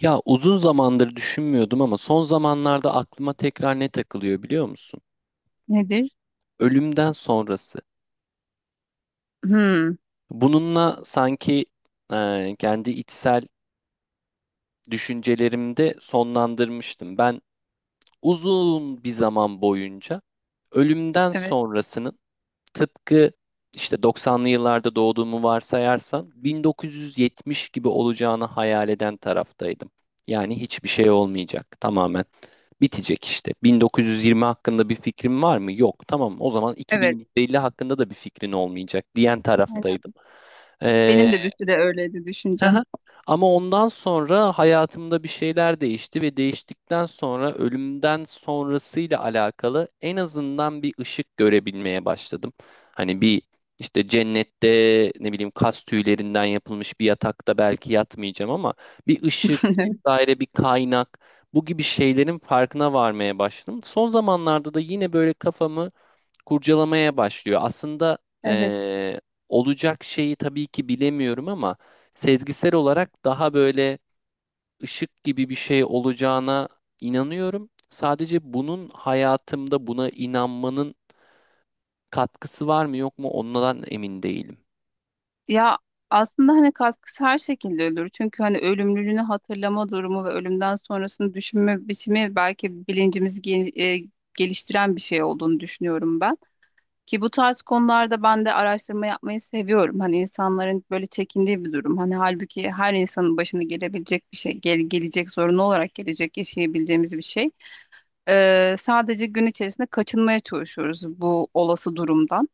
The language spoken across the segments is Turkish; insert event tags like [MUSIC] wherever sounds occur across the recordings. Ya uzun zamandır düşünmüyordum ama son zamanlarda aklıma tekrar ne takılıyor biliyor musun? Nedir? Ölümden sonrası. Hmm, Bununla sanki kendi içsel düşüncelerimde sonlandırmıştım. Ben uzun bir zaman boyunca ölümden evet, sonrasının tıpkı işte 90'lı yıllarda doğduğumu varsayarsan 1970 gibi olacağını hayal eden taraftaydım. Yani hiçbir şey olmayacak. Tamamen bitecek işte. 1920 hakkında bir fikrin var mı? Yok. Tamam, o zaman evet. 2150 hakkında da bir fikrin olmayacak diyen Aynen. taraftaydım. Ee, Benim de bir süre öyleydi düşüncem. Aha. Ama ondan sonra hayatımda bir şeyler değişti ve değiştikten sonra ölümden sonrasıyla alakalı en azından bir ışık görebilmeye başladım. Hani bir işte cennette ne bileyim kas tüylerinden yapılmış bir yatakta belki yatmayacağım ama bir ışık [LAUGHS] vesaire bir kaynak, bu gibi şeylerin farkına varmaya başladım. Son zamanlarda da yine böyle kafamı kurcalamaya başlıyor. Aslında Evet. eee, olacak şeyi tabii ki bilemiyorum ama sezgisel olarak daha böyle ışık gibi bir şey olacağına inanıyorum. Sadece bunun hayatımda, buna inanmanın katkısı var mı yok mu ondan emin değilim. Ya aslında hani katkısı her şekilde ölür. Çünkü hani ölümlülüğünü hatırlama durumu ve ölümden sonrasını düşünme biçimi belki bilincimizi geliştiren bir şey olduğunu düşünüyorum ben. Ki bu tarz konularda ben de araştırma yapmayı seviyorum. Hani insanların böyle çekindiği bir durum. Hani halbuki her insanın başına gelebilecek bir şey, gelecek zorunlu olarak gelecek yaşayabileceğimiz bir şey. Sadece gün içerisinde kaçınmaya çalışıyoruz bu olası durumdan.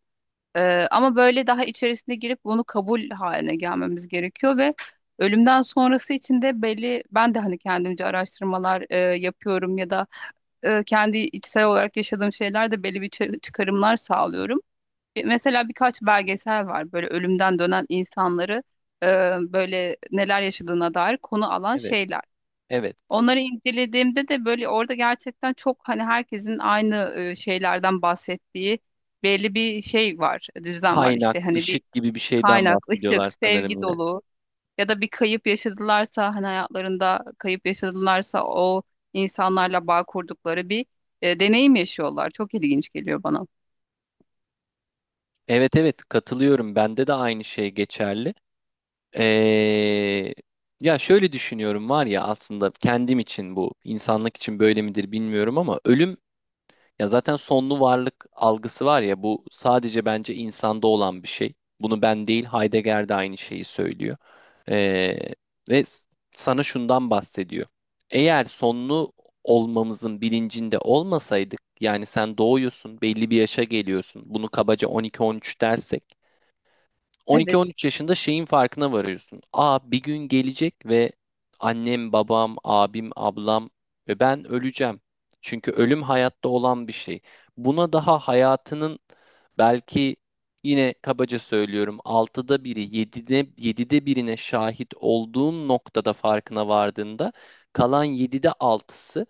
Ama böyle daha içerisine girip bunu kabul haline gelmemiz gerekiyor ve ölümden sonrası için de belli ben de hani kendimce araştırmalar yapıyorum ya da kendi içsel olarak yaşadığım şeylerde belli bir çıkarımlar sağlıyorum. Mesela birkaç belgesel var böyle ölümden dönen insanları e, böyle neler yaşadığına dair konu alan Evet, şeyler. evet. Onları incelediğimde de böyle orada gerçekten çok hani herkesin aynı şeylerden bahsettiği belli bir şey var, düzlem var Kaynak, işte hani bir ışık gibi bir şeyden kaynak, ışık, bahsediyorlar sanırım sevgi yine. dolu ya da bir kayıp yaşadılarsa hani hayatlarında kayıp yaşadılarsa o insanlarla bağ kurdukları bir deneyim yaşıyorlar. Çok ilginç geliyor bana. Evet, evet, katılıyorum. Bende de aynı şey geçerli. Ee, Ya şöyle düşünüyorum, var ya, aslında kendim için bu, insanlık için böyle midir bilmiyorum ama ölüm, ya zaten sonlu varlık algısı, var ya, bu sadece bence insanda olan bir şey. Bunu ben değil, Heidegger de aynı şeyi söylüyor. Ee, Ve sana şundan bahsediyor. Eğer sonlu olmamızın bilincinde olmasaydık, yani sen doğuyorsun, belli bir yaşa geliyorsun, bunu kabaca 12-13 dersek, Evet. 12-13 yaşında şeyin farkına varıyorsun. Aa, bir gün gelecek ve annem, babam, abim, ablam ve ben öleceğim. Çünkü ölüm hayatta olan bir şey. Buna daha hayatının, belki yine kabaca söylüyorum, altıda biri, yedide birine şahit olduğun noktada, farkına vardığında kalan yedide altısı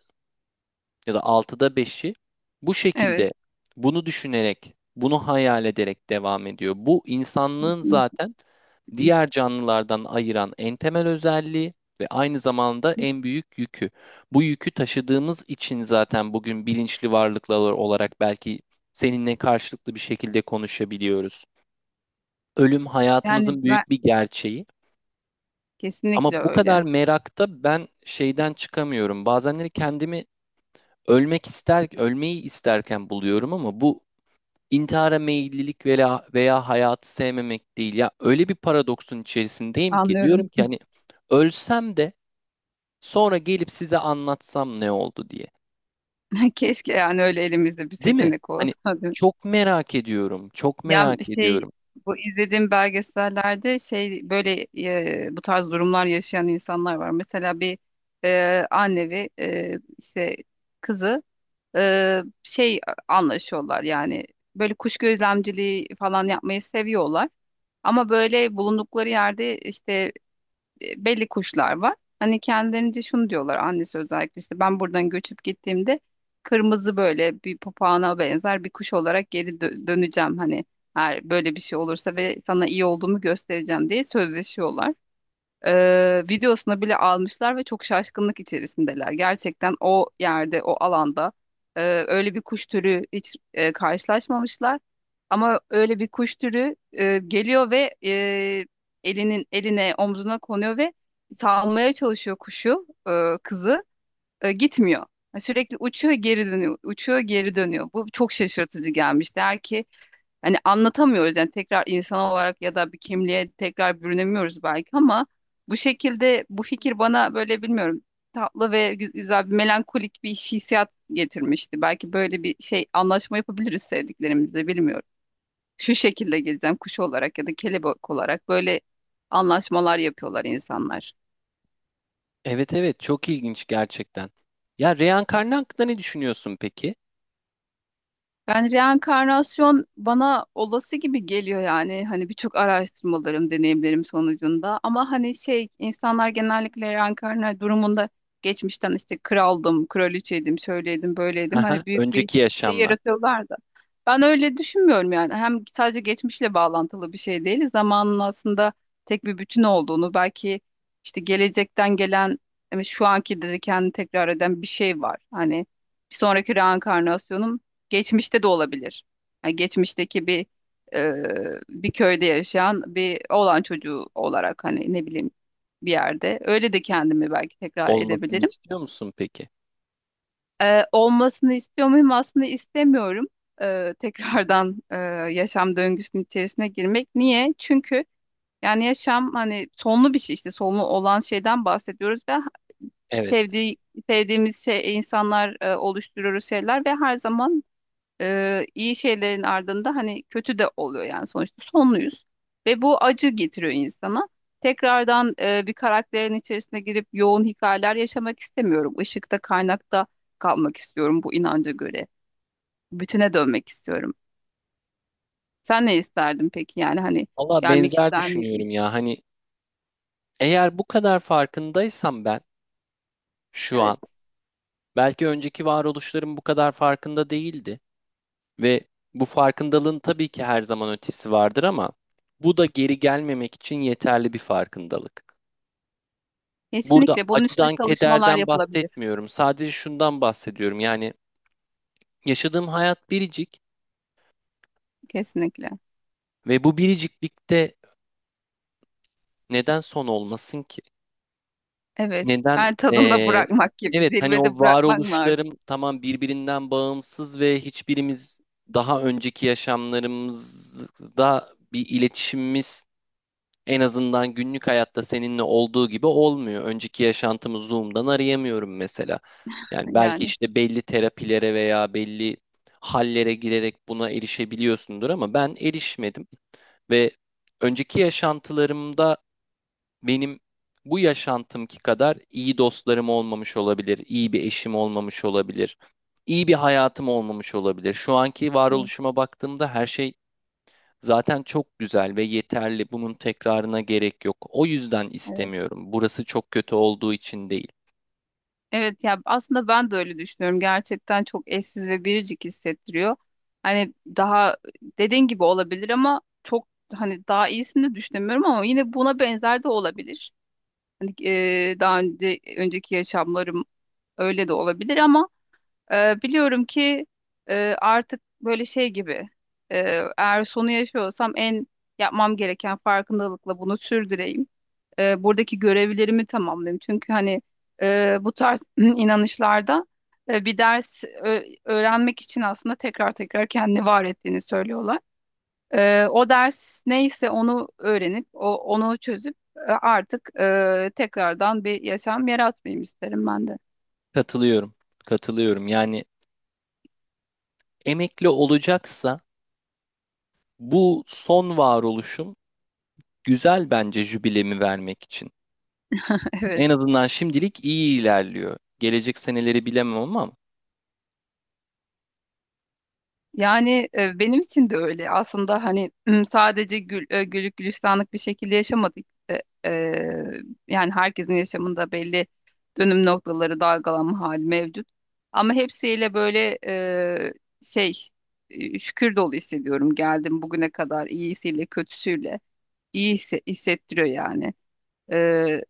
ya da altıda beşi bu Evet. şekilde, bunu düşünerek, bunu hayal ederek devam ediyor. Bu insanlığın [LAUGHS] zaten diğer canlılardan ayıran en temel özelliği ve aynı zamanda en büyük yükü. Bu yükü taşıdığımız için zaten bugün bilinçli varlıklar olarak belki seninle karşılıklı bir şekilde konuşabiliyoruz. Ölüm Yani hayatımızın ben büyük bir gerçeği. kesinlikle Ama bu kadar öyle. merakta ben şeyden çıkamıyorum. Bazenleri kendimi ölmek ister, ölmeyi isterken buluyorum ama bu intihara meyillilik veya hayatı sevmemek değil. Ya öyle bir paradoksun içerisindeyim ki, diyorum Anlıyorum. ki, hani ölsem de sonra gelip size anlatsam ne oldu diye. [LAUGHS] Keşke yani öyle elimizde bir Değil mi? seçenek olsa. Hani çok merak ediyorum. Çok Ya merak şey ediyorum. bu izlediğim belgesellerde şey böyle bu tarz durumlar yaşayan insanlar var. Mesela bir anne ve işte kızı şey anlaşıyorlar yani böyle kuş gözlemciliği falan yapmayı seviyorlar. Ama böyle bulundukları yerde işte belli kuşlar var. Hani kendilerince şunu diyorlar annesi özellikle işte ben buradan göçüp gittiğimde kırmızı böyle bir papağana benzer bir kuş olarak geri döneceğim hani eğer böyle bir şey olursa ve sana iyi olduğumu göstereceğim diye sözleşiyorlar videosunu bile almışlar ve çok şaşkınlık içerisindeler. Gerçekten o yerde, o alanda e, öyle bir kuş türü hiç karşılaşmamışlar. Ama öyle bir kuş türü geliyor ve elinin eline, omzuna konuyor ve salmaya çalışıyor kuşu, kızı. Gitmiyor. Yani sürekli uçuyor, geri dönüyor, uçuyor, geri dönüyor. Bu çok şaşırtıcı gelmişti. Der ki hani anlatamıyoruz yani tekrar insan olarak ya da bir kimliğe tekrar bürünemiyoruz belki ama bu şekilde bu fikir bana böyle bilmiyorum tatlı ve güzel bir melankolik bir hissiyat getirmişti. Belki böyle bir şey anlaşma yapabiliriz sevdiklerimizle bilmiyorum. Şu şekilde geleceğim kuş olarak ya da kelebek olarak böyle anlaşmalar yapıyorlar insanlar. Evet, evet, çok ilginç gerçekten. Ya reenkarnı hakkında ne düşünüyorsun peki? Yani reenkarnasyon bana olası gibi geliyor yani hani birçok araştırmalarım, deneyimlerim sonucunda ama hani şey insanlar genellikle reenkarnasyon durumunda geçmişten işte kraldım, kraliçeydim, şöyleydim, böyleydim Aha, hani büyük bir önceki şey yaşamlar. yaratıyorlar da. Ben öyle düşünmüyorum yani hem sadece geçmişle bağlantılı bir şey değil zamanın aslında tek bir bütün olduğunu belki işte gelecekten gelen yani şu anki dedi kendini tekrar eden bir şey var hani bir sonraki reenkarnasyonum geçmişte de olabilir. Yani geçmişteki bir e, bir köyde yaşayan bir oğlan çocuğu olarak hani ne bileyim bir yerde. Öyle de kendimi belki tekrar Olmasını edebilirim. istiyor musun peki? Olmasını istiyor muyum? Aslında istemiyorum. Tekrardan yaşam döngüsünün içerisine girmek. Niye? Çünkü yani yaşam hani sonlu bir şey işte sonlu olan şeyden bahsediyoruz ve Evet. sevdiği sevdiğimiz şey insanlar oluşturuyoruz şeyler ve her zaman iyi şeylerin ardında hani kötü de oluyor yani sonuçta sonluyuz. Ve bu acı getiriyor insana. Tekrardan bir karakterin içerisine girip yoğun hikayeler yaşamak istemiyorum. Işıkta, kaynakta kalmak istiyorum bu inanca göre. Bütüne dönmek istiyorum. Sen ne isterdin peki? Yani hani Valla gelmek benzer ister miydin? düşünüyorum ya. Hani eğer bu kadar farkındaysam ben şu Evet. an, belki önceki varoluşlarım bu kadar farkında değildi ve bu farkındalığın tabii ki her zaman ötesi vardır ama bu da geri gelmemek için yeterli bir farkındalık. Burada Kesinlikle. Bunun üstüne acıdan, çalışmalar kederden yapılabilir. bahsetmiyorum. Sadece şundan bahsediyorum. Yani yaşadığım hayat biricik Kesinlikle. ve bu biriciklikte neden son olmasın ki? Evet. Neden? Yani tadında bırakmak gibi. Evet, hani Zirvede o bırakmak mı artık? varoluşlarım tamam, birbirinden bağımsız ve hiçbirimiz daha önceki yaşamlarımızda bir iletişimimiz, en azından günlük hayatta seninle olduğu gibi olmuyor. Önceki yaşantımı Zoom'dan arayamıyorum mesela. Yani belki Yani. işte belli terapilere veya belli hallere girerek buna erişebiliyorsundur ama ben erişmedim ve önceki yaşantılarımda benim bu yaşantımki kadar iyi dostlarım olmamış olabilir, iyi bir eşim olmamış olabilir, iyi bir hayatım olmamış olabilir. Şu anki Evet. varoluşuma baktığımda her şey zaten çok güzel ve yeterli. Bunun tekrarına gerek yok. O yüzden Evet. istemiyorum. Burası çok kötü olduğu için değil. Evet ya aslında ben de öyle düşünüyorum. Gerçekten çok eşsiz ve biricik hissettiriyor. Hani daha dediğin gibi olabilir ama çok hani daha iyisini de düşünemiyorum ama yine buna benzer de olabilir. Hani daha önce önceki yaşamlarım öyle de olabilir ama biliyorum ki e, artık böyle şey gibi e, eğer sonu yaşıyorsam en yapmam gereken farkındalıkla bunu sürdüreyim buradaki görevlerimi tamamlayayım. Çünkü hani bu tarz [CLEARS THROAT] inanışlarda bir ders öğrenmek için aslında tekrar tekrar kendini var ettiğini söylüyorlar. O ders neyse onu öğrenip onu çözüp artık tekrardan bir yaşam yaratmayayım isterim ben de. Katılıyorum, katılıyorum. Yani emekli olacaksa bu son varoluşum, güzel bence jübilemi vermek için. [LAUGHS] Evet. En azından şimdilik iyi ilerliyor. Gelecek seneleri bilemem ama Yani benim için de öyle. Aslında hani sadece güllük gülistanlık bir şekilde yaşamadık. E, Yani herkesin yaşamında belli dönüm noktaları, dalgalanma hali mevcut. Ama hepsiyle böyle şey şükür dolu hissediyorum. Geldim bugüne kadar iyisiyle kötüsüyle hissettiriyor yani. E,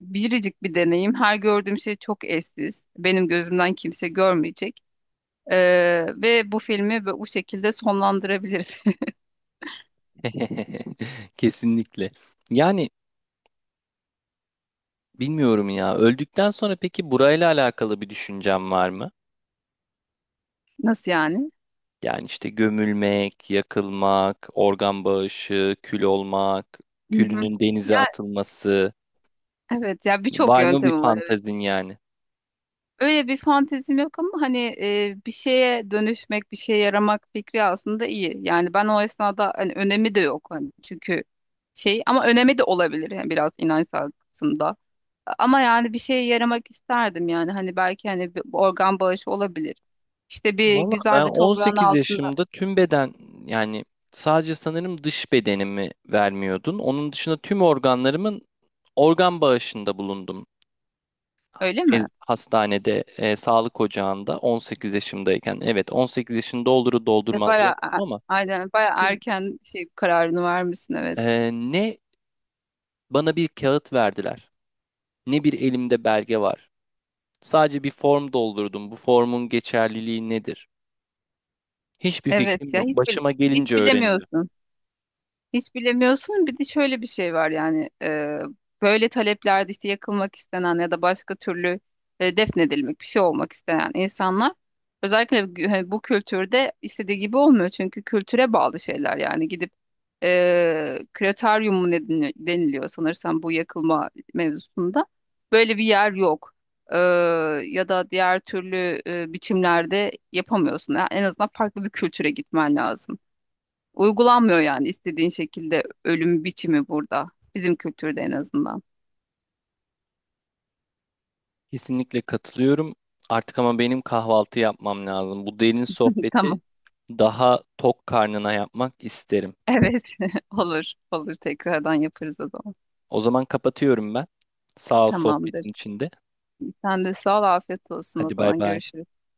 Biricik bir deneyim. Her gördüğüm şey çok eşsiz. Benim gözümden kimse görmeyecek. Ve bu filmi bu şekilde sonlandırabiliriz. [LAUGHS] kesinlikle. Yani bilmiyorum ya. Öldükten sonra peki burayla alakalı bir düşüncem var mı? [LAUGHS] Nasıl yani? Yani işte gömülmek, yakılmak, organ bağışı, kül olmak, Hı hı. külünün Ya denize atılması. evet ya birçok Var mı bir yöntemi var evet. fantazin yani? Öyle bir fantezim yok ama hani bir şeye dönüşmek, bir şeye yaramak fikri aslında iyi. Yani ben o esnada hani önemi de yok hani çünkü şey ama önemi de olabilir yani biraz inançsal kısımda. Ama yani bir şeye yaramak isterdim yani hani belki hani bir organ bağışı olabilir. İşte bir Valla ben güzel bir toprağın 18 altında yaşımda tüm beden, yani sadece sanırım dış bedenimi vermiyordun. Onun dışında tüm organlarımın organ bağışında bulundum. öyle mi? Hastanede, sağlık ocağında 18 yaşımdayken, evet, 18 yaşını doldurur Ve doldurmaz bayağı yaptım ama aynen bayağı tüm- erken şey kararını vermişsin evet. Ne bana bir kağıt verdiler, ne bir elimde belge var. Sadece bir form doldurdum. Bu formun geçerliliği nedir? Hiçbir Evet fikrim ya yok. Başıma hiç gelince öğreneceğim. bilemiyorsun. Hiç bilemiyorsun. Bir de şöyle bir şey var yani böyle taleplerde işte yakılmak istenen ya da başka türlü defnedilmek bir şey olmak istenen insanlar özellikle hani bu kültürde istediği gibi olmuyor. Çünkü kültüre bağlı şeyler yani gidip krematorium mu ne deniliyor sanırsam bu yakılma mevzusunda böyle bir yer yok. E, Ya da diğer türlü biçimlerde yapamıyorsun. Yani en azından farklı bir kültüre gitmen lazım. Uygulanmıyor yani istediğin şekilde ölüm biçimi burada. Bizim kültürde en azından. Kesinlikle katılıyorum. Artık ama benim kahvaltı yapmam lazım. Bu derin [LAUGHS] sohbeti Tamam. daha tok karnına yapmak isterim. Evet. [LAUGHS] Olur. Olur. Tekrardan yaparız o zaman. O zaman kapatıyorum ben. Sağ ol Tamamdır. sohbetin içinde. Sen de sağ ol. Afiyet olsun o Hadi bay zaman. bay. Görüşürüz.